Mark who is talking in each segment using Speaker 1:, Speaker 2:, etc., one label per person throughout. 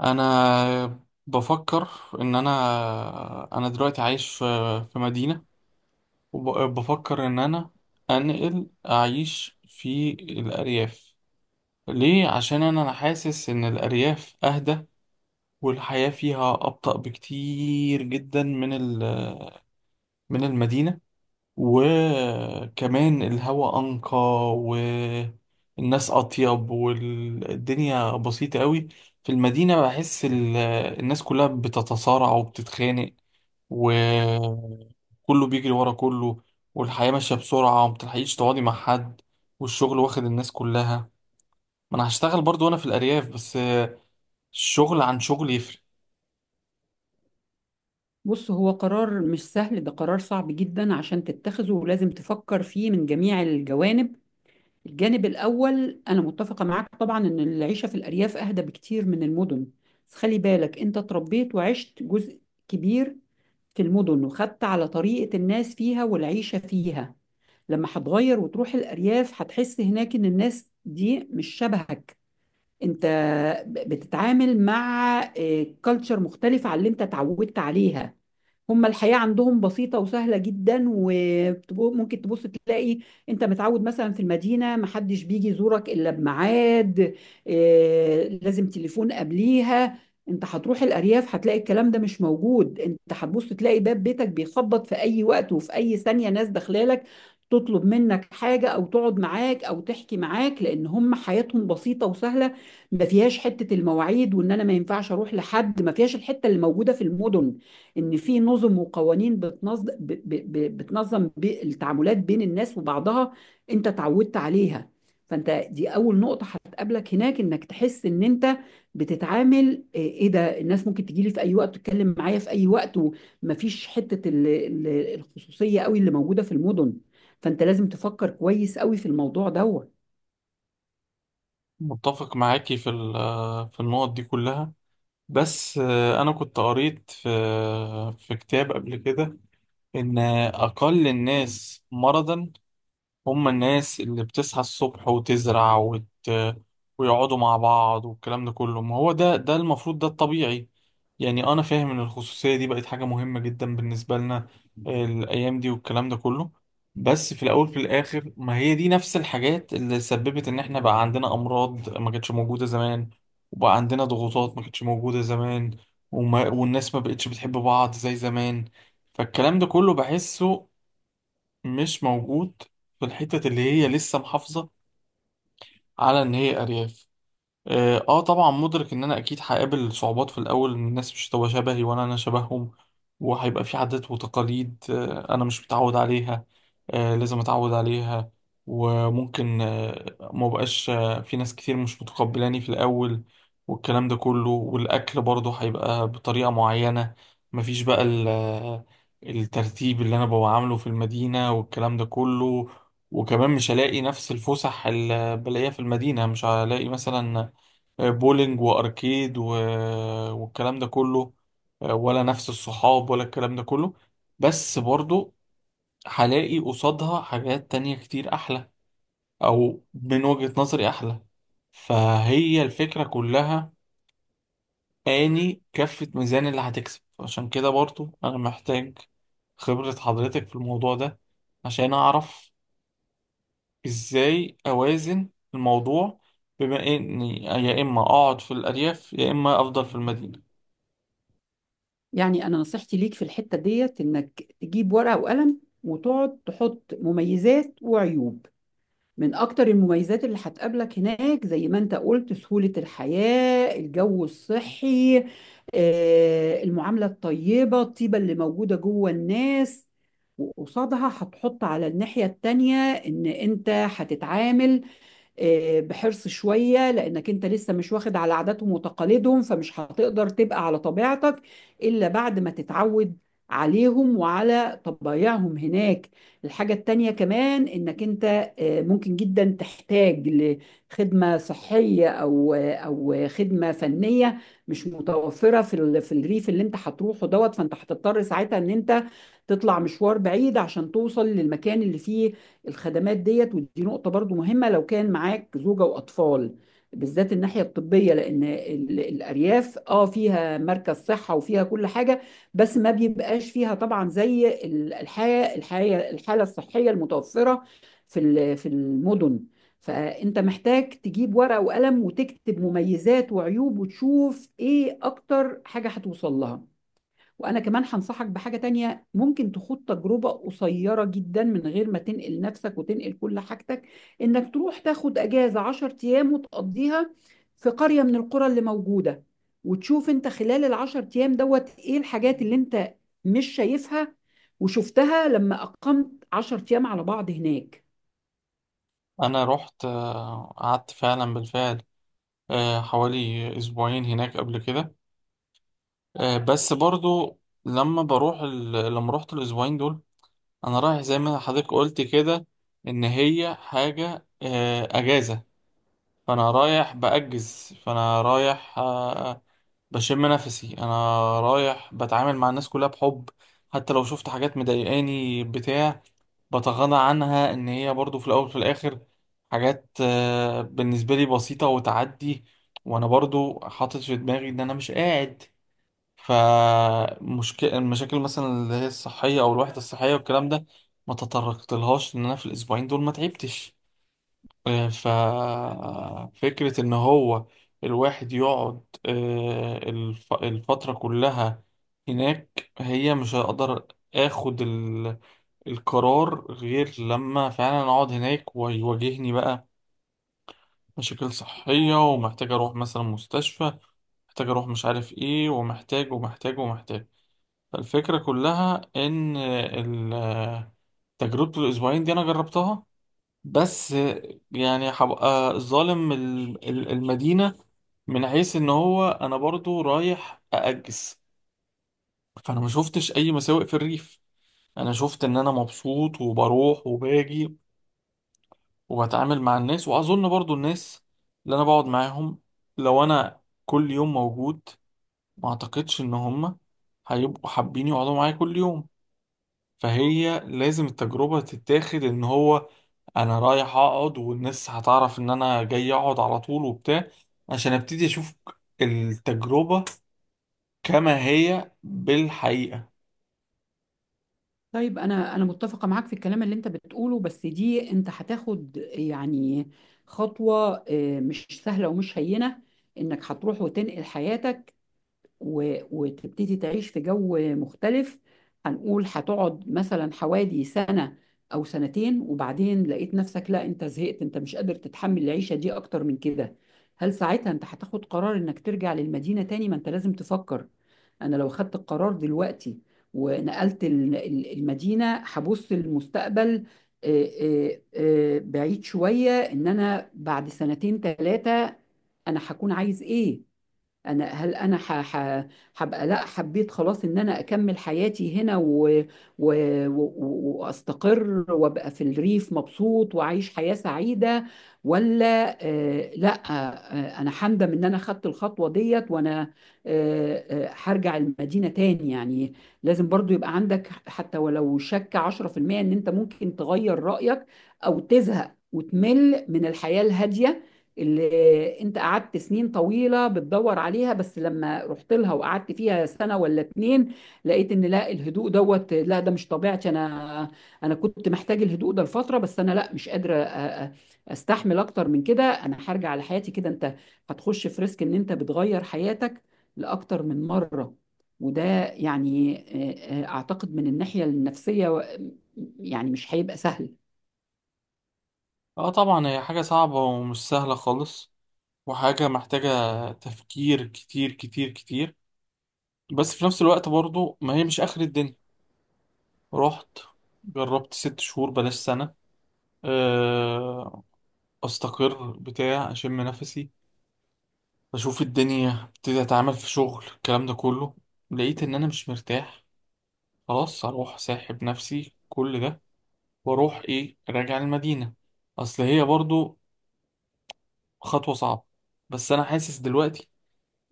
Speaker 1: انا بفكر ان انا دلوقتي عايش في مدينة. وبفكر ان انا انقل اعيش في الارياف. ليه؟ عشان انا حاسس ان الارياف اهدى، والحياة فيها ابطأ بكتير جدا من المدينة. وكمان الهواء أنقى، والناس أطيب، والدنيا بسيطة قوي. في المدينة بحس الناس كلها بتتصارع وبتتخانق، وكله بيجري ورا كله، والحياة ماشية بسرعة ومبتلحقيش تقعدي مع حد، والشغل واخد الناس كلها. ما أنا هشتغل برضو وأنا في الأرياف، بس الشغل عن شغل يفرق.
Speaker 2: بص، هو قرار مش سهل. ده قرار صعب جدا عشان تتخذه، ولازم تفكر فيه من جميع الجوانب. الجانب الأول أنا متفقة معاك طبعا إن العيشة في الأرياف أهدى بكتير من المدن. بس خلي بالك أنت اتربيت وعشت جزء كبير في المدن، وخدت على طريقة الناس فيها والعيشة فيها. لما هتغير وتروح الأرياف هتحس هناك إن الناس دي مش شبهك. انت بتتعامل مع كالتشر مختلفة عن اللي انت اتعودت عليها. هما الحياة عندهم بسيطة وسهلة جدا، وممكن تبص تلاقي انت متعود مثلا في المدينة محدش بيجي يزورك الا بميعاد. لازم تليفون قبليها. انت هتروح الارياف هتلاقي الكلام ده مش موجود، انت هتبص تلاقي باب بيتك بيخبط في اي وقت وفي اي ثانية ناس داخلالك تطلب منك حاجة او تقعد معاك او تحكي معاك، لان هم حياتهم بسيطة وسهلة. ما فيهاش حته المواعيد وان انا ما ينفعش اروح لحد ما فيهاش، الحته اللي موجوده في المدن ان في نظم وقوانين بتنظم ب... ب... ب... بتنظم بي- التعاملات بين الناس وبعضها انت اتعودت عليها. فانت دي اول نقطه هتقابلك هناك، انك تحس ان انت بتتعامل. ايه، إيه ده؟ الناس ممكن تجي لي في اي وقت، تتكلم معايا في اي وقت، ومفيش حته الخصوصيه قوي اللي موجوده في المدن. فانت لازم تفكر كويس قوي في الموضوع دوت.
Speaker 1: متفق معاكي في النقط دي كلها. بس أنا كنت قريت في كتاب قبل كده إن أقل الناس مرضا هم الناس اللي بتصحى الصبح وتزرع ويقعدوا مع بعض، والكلام ده كله. ما هو ده المفروض، ده الطبيعي. يعني أنا فاهم إن الخصوصية دي بقت حاجة مهمة جدا بالنسبة لنا الأيام دي، والكلام ده كله. بس في الأول في الآخر، ما هي دي نفس الحاجات اللي سببت إن إحنا بقى عندنا أمراض ما كانتش موجودة زمان، وبقى عندنا ضغوطات ما كانتش موجودة زمان، والناس ما بقتش بتحب بعض زي زمان. فالكلام ده كله بحسه مش موجود في الحتة اللي هي لسه محافظة على إن هي أرياف. طبعا مدرك ان انا اكيد هقابل صعوبات في الاول، إن الناس مش هتبقى شبهي ولا انا شبههم، وهيبقى في عادات وتقاليد انا مش متعود عليها، لازم اتعود عليها. وممكن ما بقاش في ناس كتير مش متقبلاني في الاول، والكلام ده كله. والاكل برضه هيبقى بطريقة معينة، مفيش بقى الترتيب اللي انا ببقى عامله في المدينة، والكلام ده كله. وكمان مش هلاقي نفس الفسح اللي بلاقيها في المدينة، مش هلاقي مثلا بولينج واركيد والكلام ده كله، ولا نفس الصحاب ولا الكلام ده كله. بس برضو هلاقي قصادها حاجات تانية كتير احلى، او من وجهة نظري احلى. فهي الفكرة كلها، اني كفة ميزان اللي هتكسب. عشان كده برضو انا محتاج خبرة حضرتك في الموضوع ده، عشان اعرف ازاي اوازن الموضوع، بما اني يا اما اقعد في الارياف يا اما افضل في المدينة.
Speaker 2: يعني انا نصيحتي ليك في الحتة ديت انك تجيب ورقة وقلم وتقعد تحط مميزات وعيوب. من اكتر المميزات اللي هتقابلك هناك زي ما انت قلت سهولة الحياة، الجو الصحي، المعاملة الطيبة، الطيبة اللي موجودة جوه الناس. وقصادها هتحط على الناحية التانية إن أنت هتتعامل بحرص شوية، لأنك أنت لسه مش واخد على عاداتهم وتقاليدهم، فمش هتقدر تبقى على طبيعتك إلا بعد ما تتعود عليهم وعلى طبايعهم هناك. الحاجة التانية كمان إنك أنت ممكن جدا تحتاج لخدمة صحية أو خدمة فنية مش متوفرة في في الريف اللي أنت هتروحه دوت، فأنت هتضطر ساعتها إن أنت تطلع مشوار بعيد عشان توصل للمكان اللي فيه الخدمات ديت. ودي نقطة برضو مهمة لو كان معاك زوجة وأطفال، بالذات الناحية الطبية، لأن الأرياف اه فيها مركز صحة وفيها كل حاجة، بس ما بيبقاش فيها طبعا زي ال- الحياة الحياة الحالة الصحية المتوفرة في في المدن. فأنت محتاج تجيب ورقة وقلم وتكتب مميزات وعيوب، وتشوف إيه أكتر حاجة هتوصل لها. وانا كمان هنصحك بحاجة تانية، ممكن تخوض تجربة قصيرة جدا من غير ما تنقل نفسك وتنقل كل حاجتك، انك تروح تاخد اجازة 10 ايام وتقضيها في قرية من القرى اللي موجودة، وتشوف انت خلال العشر ايام دوت ايه الحاجات اللي انت مش شايفها وشفتها لما اقمت 10 ايام على بعض هناك.
Speaker 1: انا رحت، قعدت فعلا بالفعل حوالي اسبوعين هناك قبل كده. بس برضو لما رحت الاسبوعين دول، انا رايح زي ما حضرتك قلت كده، ان هي حاجة اجازة. فانا رايح بشم نفسي. انا رايح بتعامل مع الناس كلها بحب، حتى لو شفت حاجات مضايقاني بتاع، بتغاضى عنها ان هي برضو في الاول وفي الاخر حاجات بالنسبه لي بسيطه وتعدي. وانا برضو حاطط في دماغي ان انا مش قاعد، فمشكلة المشاكل مثلا اللي هي الصحيه او الوحده الصحيه والكلام ده ما تطرقتلهاش، ان انا في الاسبوعين دول ما تعبتش. ففكره ان هو الواحد يقعد الفتره كلها هناك، هي مش هقدر اخد القرار غير لما فعلا اقعد هناك ويواجهني بقى مشاكل صحية، ومحتاج اروح مثلا مستشفى، محتاج اروح مش عارف ايه، ومحتاج ومحتاج ومحتاج. فالفكرة كلها ان تجربة الاسبوعين دي انا جربتها بس. يعني هبقى ظالم المدينة من حيث ان هو انا برضو رايح اأجس، فانا ما شفتش اي مساوئ في الريف. انا شفت ان انا مبسوط وبروح وباجي وبتعامل مع الناس، واظن برضو الناس اللي انا بقعد معاهم لو انا كل يوم موجود، ما اعتقدش ان هم هيبقوا حابين يقعدوا معايا كل يوم. فهي لازم التجربة تتاخد، ان هو انا رايح اقعد والناس هتعرف ان انا جاي اقعد على طول وبتاع، عشان ابتدي اشوف التجربة كما هي بالحقيقة.
Speaker 2: طيب، انا متفقه معاك في الكلام اللي انت بتقوله، بس دي انت هتاخد يعني خطوه مش سهله ومش هينه، انك هتروح وتنقل حياتك وتبتدي تعيش في جو مختلف. هنقول هتقعد مثلا حوالي سنة أو سنتين، وبعدين لقيت نفسك لا أنت زهقت، أنت مش قادر تتحمل العيشة دي أكتر من كده. هل ساعتها أنت هتاخد قرار إنك ترجع للمدينة تاني؟ ما أنت لازم تفكر. أنا لو خدت القرار دلوقتي ونقلت المدينة، هبص للمستقبل آه، آه، بعيد شوية، إن أنا بعد سنتين ثلاثة أنا هكون عايز إيه. انا هل انا هبقى لا حبيت خلاص ان انا اكمل حياتي هنا و... واستقر وابقى في الريف مبسوط واعيش حياة سعيدة، ولا لا انا هندم ان انا خدت الخطوة ديت، وانا هرجع المدينة تاني؟ يعني لازم برضو يبقى عندك حتى ولو شك 10% ان انت ممكن تغير رأيك او تزهق وتمل من الحياة الهادية اللي انت قعدت سنين طويلة بتدور عليها، بس لما رحت لها وقعدت فيها سنة ولا اتنين لقيت ان لا الهدوء دوت لا ده مش طبيعتي انا. انا كنت محتاج الهدوء ده لفترة، بس انا لا مش قادرة استحمل اكتر من كده، انا هرجع لحياتي. كده انت هتخش في ريسك ان انت بتغير حياتك لاكتر من مرة، وده يعني اعتقد من الناحية النفسية يعني مش هيبقى سهل.
Speaker 1: اه، طبعا هي حاجة صعبة ومش سهلة خالص، وحاجة محتاجة تفكير كتير كتير كتير. بس في نفس الوقت برضو ما هي مش آخر الدنيا. رحت جربت 6 شهور، بلاش سنة، آه، أستقر بتاع أشم نفسي أشوف الدنيا ابتدي أتعامل في شغل الكلام ده كله، لقيت إن أنا مش مرتاح، خلاص أروح ساحب نفسي كل ده وأروح إيه، راجع المدينة. أصل هي برضو خطوة صعبة. بس أنا حاسس دلوقتي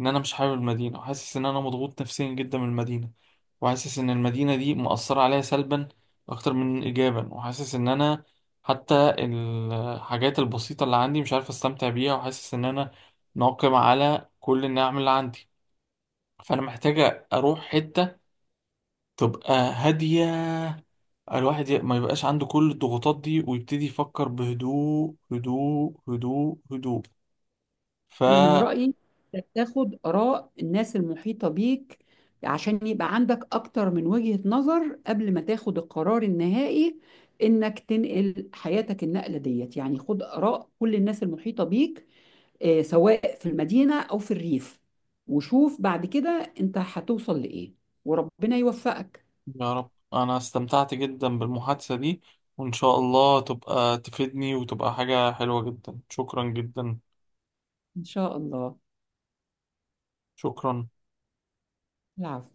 Speaker 1: ان انا مش حابب المدينه، وحاسس ان انا مضغوط نفسيا جدا من المدينه، وحاسس ان المدينه دي مؤثره عليا سلبا اكتر من ايجابا، وحاسس ان انا حتى الحاجات البسيطه اللي عندي مش عارف استمتع بيها، وحاسس ان انا ناقم على كل النعم اللي عندي. فانا محتاجه اروح حته تبقى هاديه، الواحد ما يبقاش عنده كل الضغوطات دي ويبتدي يفكر بهدوء هدوء هدوء هدوء.
Speaker 2: انا من رايي إنك تاخد اراء الناس المحيطه بيك، عشان يبقى عندك اكتر من وجهه نظر قبل ما تاخد القرار النهائي انك تنقل حياتك النقله ديت. يعني خد اراء كل الناس المحيطه بيك، سواء في المدينه او في الريف، وشوف بعد كده انت هتوصل لايه. وربنا يوفقك.
Speaker 1: يا رب. أنا استمتعت جدا بالمحادثة دي، وإن شاء الله تبقى تفيدني وتبقى حاجة حلوة جدا. شكرا جدا.
Speaker 2: ان شاء الله.
Speaker 1: شكرا.
Speaker 2: العفو.